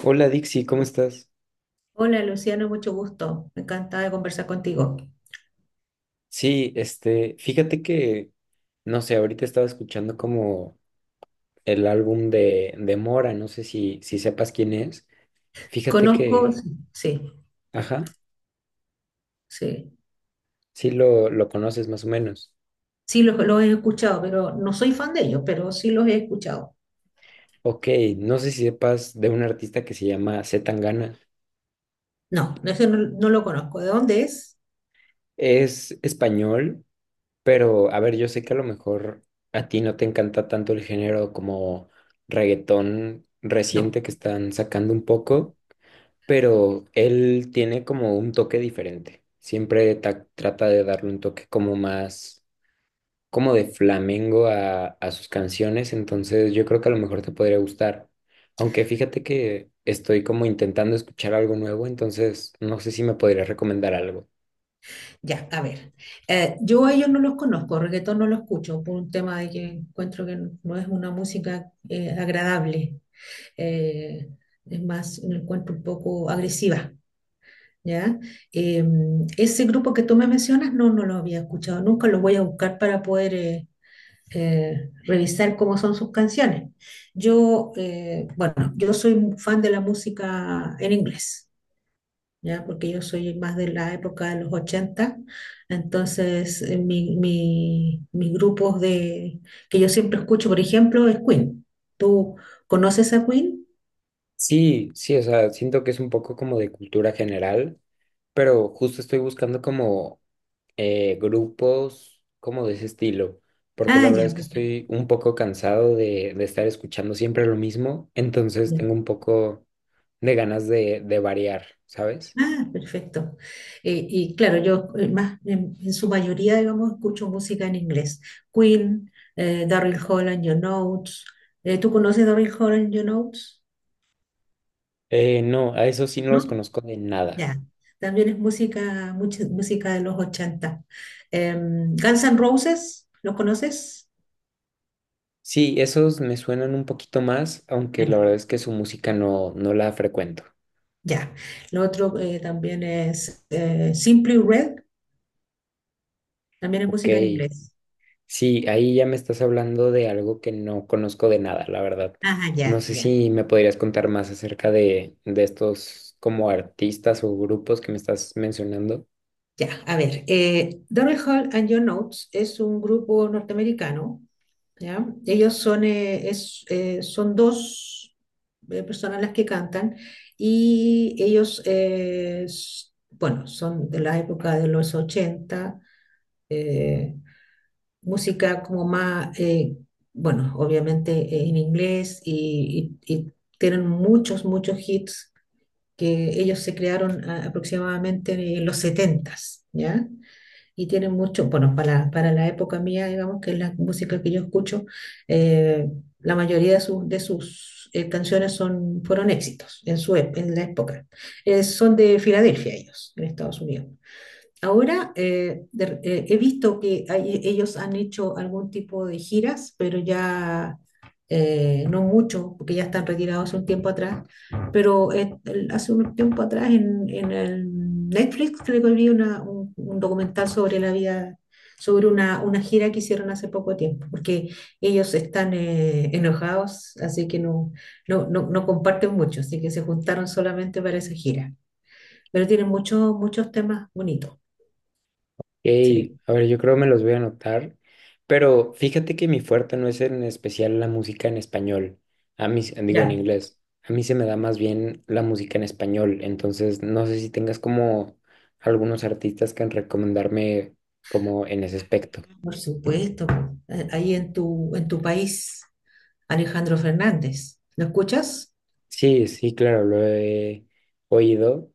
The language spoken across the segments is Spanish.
Hola Dixie, ¿cómo estás? Hola Luciano, mucho gusto. Me encantaba conversar contigo. Sí, este, fíjate que, no sé, ahorita estaba escuchando como el álbum de Mora, no sé si sepas quién es. Fíjate Conozco, que, sí, sí. ajá, Sí, sí lo conoces más o menos. sí los he escuchado, pero no soy fan de ellos, pero sí los he escuchado. Ok, no sé si sepas de un artista que se llama C. Tangana. No, no, ese no, no lo conozco. ¿De dónde es? Es español, pero a ver, yo sé que a lo mejor a ti no te encanta tanto el género como reggaetón No. reciente que están sacando un poco. Pero él tiene como un toque diferente. Siempre trata de darle un toque como más, como de flamengo a sus canciones, entonces yo creo que a lo mejor te podría gustar. Aunque fíjate que estoy como intentando escuchar algo nuevo, entonces no sé si me podrías recomendar algo. Ya, a ver. Yo a ellos no los conozco, reggaetón no lo escucho por un tema de que encuentro que no es una música agradable. Eh, es más, me encuentro un poco agresiva. ¿Ya? Eh, Ese grupo que tú me mencionas, no, no lo había escuchado nunca, lo voy a buscar para poder revisar cómo son sus canciones. Bueno, yo soy un fan de la música en inglés, ¿ya? Porque yo soy más de la época de los ochenta, entonces mis grupos de, que yo siempre escucho, por ejemplo, es Queen. ¿Tú conoces a Queen? Sí, sí, o sea, siento que es un poco como de cultura general, pero justo estoy buscando como grupos como de ese estilo, porque Ah, la verdad es ya. que estoy un poco cansado de estar escuchando siempre lo mismo, entonces tengo Perfecto. un poco de ganas de variar, ¿sabes? Ah, perfecto. Y claro, yo más en su mayoría, digamos, escucho música en inglés. Queen, Daryl Hall and Your Notes. ¿Tú conoces Daryl Hall and Your Notes? No, a esos sí no ¿No? los conozco de nada. Ya. También es música, mucha música de los 80. Guns N' Roses, ¿los conoces? Sí, esos me suenan un poquito más, Ah, aunque la ya. verdad es que su música no, no la frecuento. Ya. Lo otro también es Simply Red, también es Ok. música en inglés. Sí, ahí ya me estás hablando de algo que no conozco de nada, la verdad. Ajá, No ya, sé ya. si me podrías contar más acerca de estos como artistas o grupos que me estás mencionando. Ya, a ver, Daryl Hall and Your Notes es un grupo norteamericano, ¿ya? Son dos personas las que cantan y ellos, bueno, son de la época de los 80, eh, música como más, bueno, obviamente en inglés y, y tienen muchos hits que ellos se crearon aproximadamente en los 70, ¿ya? Y tienen mucho, bueno, para la época mía, digamos, que es la música que yo escucho. eh, la mayoría de sus, de sus canciones son, fueron éxitos en ep- en la época. Son de Filadelfia ellos, en Estados Unidos. Ahora he visto que ellos han hecho algún tipo de giras, pero ya no mucho, porque ya están retirados hace un tiempo atrás. Pero hace un tiempo atrás en el Netflix creo que vi un documental sobre la vida, sobre una gira que hicieron hace poco tiempo, porque ellos están enojados, así que no comparten mucho, así que se juntaron solamente para esa gira. Pero tienen muchos, muchos temas bonitos. Sí. Ey, a ver, yo creo me los voy a anotar, pero fíjate que mi fuerte no es en especial la música en español, a mí, digo en Ya, inglés, a mí se me da más bien la música en español, entonces no sé si tengas como algunos artistas que recomendarme como en ese aspecto. por supuesto. Ahí en tu país, Alejandro Fernández. ¿Lo escuchas? Sí, sí, claro, lo he oído,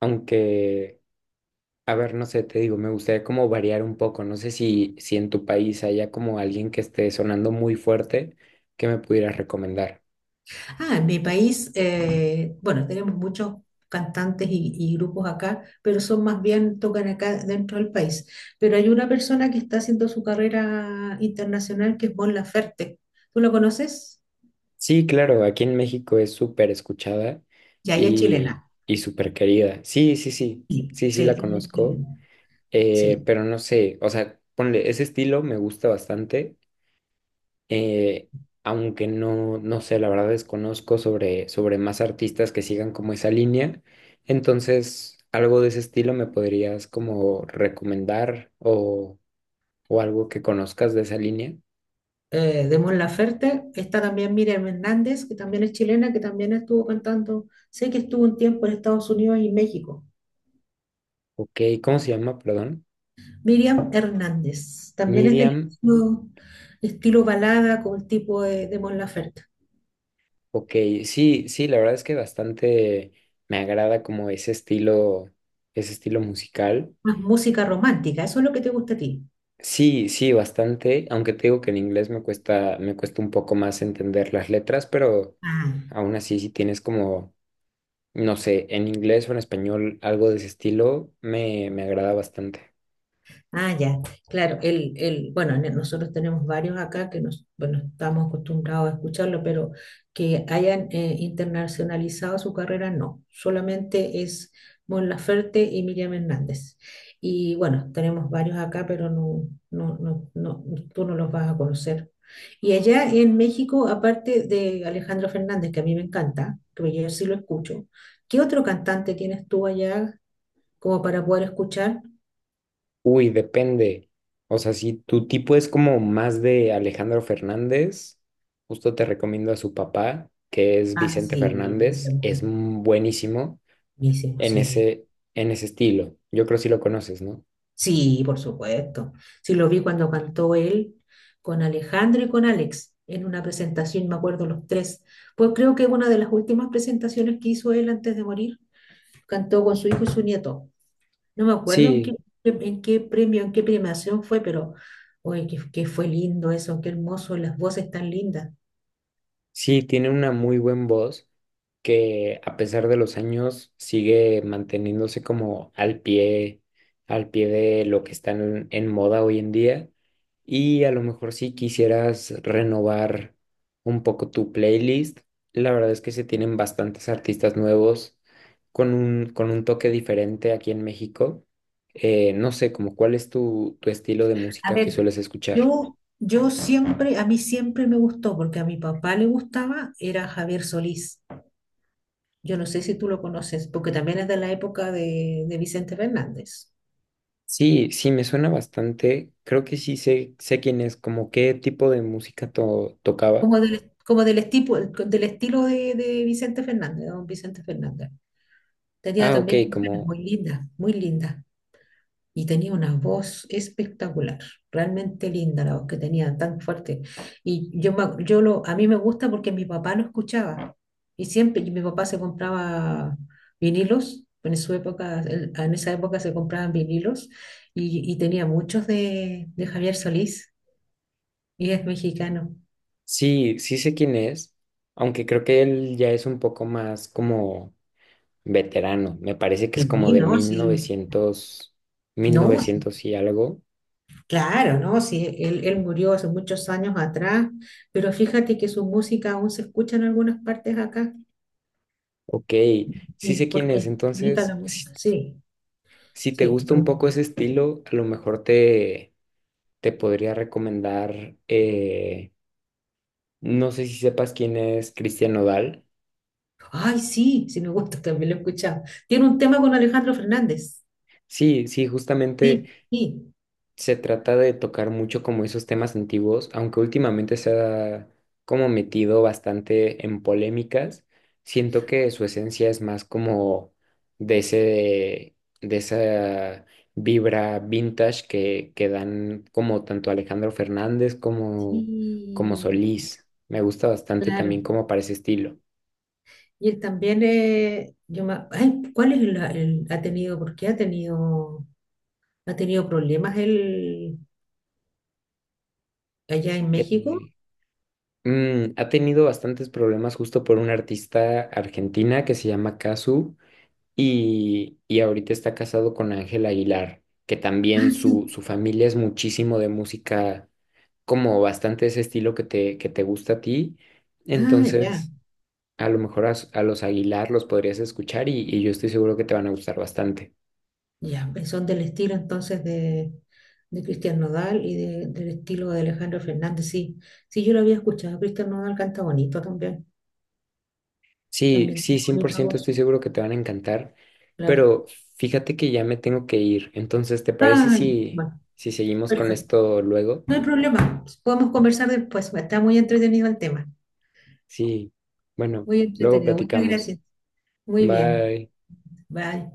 aunque, a ver, no sé, te digo, me gustaría como variar un poco, no sé si, si en tu país haya como alguien que esté sonando muy fuerte que me pudieras recomendar. Ah, en mi país, bueno, tenemos muchos cantantes y grupos acá, pero son más bien, tocan acá dentro del país. Pero hay una persona que está haciendo su carrera internacional que es Mon Laferte. ¿Tú lo conoces? Sí, claro, aquí en México es súper escuchada Ya, ella es chilena. y súper querida. Sí, sí, sí, Sí, sí, sí sí, la ella es conozco, chilena. Sí. pero no sé, o sea, ponle, ese estilo me gusta bastante. eh, Aunque no, no sé, la verdad desconozco sobre, sobre más artistas que sigan como esa línea. Entonces, algo de ese estilo me podrías como recomendar o algo que conozcas de esa línea. De Mon Laferte. Está también Miriam Hernández, que también es chilena, que también estuvo cantando. Sé que estuvo un tiempo en Estados Unidos y México. Ok, ¿cómo se llama? Perdón. Miriam Hernández, también es del Miriam. estilo, estilo balada con el tipo de Mon Laferte. Ok, sí, sí, la verdad es que bastante me agrada como ese estilo musical. Más música romántica, eso es lo que te gusta a ti. Sí, sí, bastante, aunque te digo que en inglés me cuesta un poco más entender las letras, pero Ah, aún así si tienes como, no sé, en inglés o en español algo de ese estilo, me agrada bastante. ah, ya, claro, bueno, nosotros tenemos varios acá que nos, bueno, estamos acostumbrados a escucharlo, pero que hayan internacionalizado su carrera, no, solamente es Mon Laferte y Miriam Hernández. Y bueno, tenemos varios acá, pero no, tú no los vas a conocer. Y allá en México, aparte de Alejandro Fernández, que a mí me encanta, que yo sí lo escucho, ¿qué otro cantante tienes tú allá como para poder escuchar? Uy, depende. O sea, si tu tipo es como más de Alejandro Fernández, justo te recomiendo a su papá, que es Ah, Vicente sí, Fernández, Vicente. es buenísimo Buenísimo, en sí. ese, en ese estilo. Yo creo que sí lo conoces, ¿no? Sí, por supuesto. Sí, lo vi cuando cantó él con Alejandro y con Alex en una presentación, me acuerdo los tres. Pues creo que una de las últimas presentaciones que hizo él antes de morir, cantó con su hijo y su nieto. No me acuerdo Sí, en qué premio, en qué premiación fue, pero oye, que qué fue lindo eso, qué hermoso, las voces tan lindas. sí, tiene una muy buen voz que a pesar de los años sigue manteniéndose como al pie de lo que está en moda hoy en día. Y a lo mejor si quisieras renovar un poco tu playlist, la verdad es que se tienen bastantes artistas nuevos con un toque diferente aquí en México. No sé, como cuál es tu, tu estilo de A música ver, que sueles escuchar. Yo siempre, a mí siempre me gustó, porque a mi papá le gustaba, era Javier Solís. Yo no sé si tú lo conoces, porque también es de la época de Vicente Fernández, Sí, sí, me suena bastante. Creo que sí sé, sé quién es, como qué tipo de música tocaba. Del estilo de Vicente Fernández, de don Vicente Fernández. Tenía Ah, ok, también canciones como muy lindas, muy lindas. Y tenía una voz espectacular, realmente linda la voz que tenía, tan fuerte. Y yo, me- yo lo, A mí me gusta porque mi papá lo escuchaba y siempre y mi papá se compraba vinilos. En su época, en esa época se compraban vinilos y tenía muchos de Javier Solís y es mexicano. sí, sí sé quién es, aunque creo que él ya es un poco más como veterano. Me parece que es como Sí, de no, sí, 1900, no, sí, 1900 y algo. claro, no, sí, él murió hace muchos años atrás, pero fíjate que su música aún se escucha en algunas partes acá. Ok, Y sí sé quién porque es es. bonita la Entonces, si, música, sí, si te sí. gusta un poco Bonita. ese estilo, a lo mejor te, te podría recomendar, no sé si sepas quién es Cristian Nodal. Ay, sí, sí me gusta, también lo he escuchado. Tiene un tema con Alejandro Fernández. Sí, sí, justamente Sí, sí, se trata de tocar mucho como esos temas antiguos, aunque últimamente se ha como metido bastante en polémicas. Siento que su esencia es más como de ese, de esa vibra vintage que dan como tanto Alejandro Fernández como, como sí, Solís. Me gusta bastante claro. también como para ese estilo. Y él también, ay, ¿cuál es la- el, ha tenido, por qué ha tenido problemas él allá en México? Eh, Ha tenido bastantes problemas justo por una artista argentina que se llama Cazzu. Y ahorita está casado con Ángel Aguilar, que también Ah, su, sí, su familia es muchísimo de música, como bastante ese estilo que te gusta a ti. ah, ya. Entonces, a lo mejor a los Aguilar los podrías escuchar y yo estoy seguro que te van a gustar bastante. Ya, pues son del estilo entonces de Cristian Nodal y del estilo de Alejandro Fernández, sí. Sí, yo lo había escuchado. Cristian Nodal canta bonito también. Sí, También sí, tiene cien por bonita ciento estoy voz, seguro que te van a encantar, claro. pero fíjate que ya me tengo que ir. Entonces, ¿te parece Ay, si, bueno, si seguimos con perfecto. esto luego? No hay problema. Podemos conversar después. Está muy entretenido el tema. Sí, bueno, Muy luego entretenido. Muchas platicamos. gracias. Muy bien. Bye. Bye.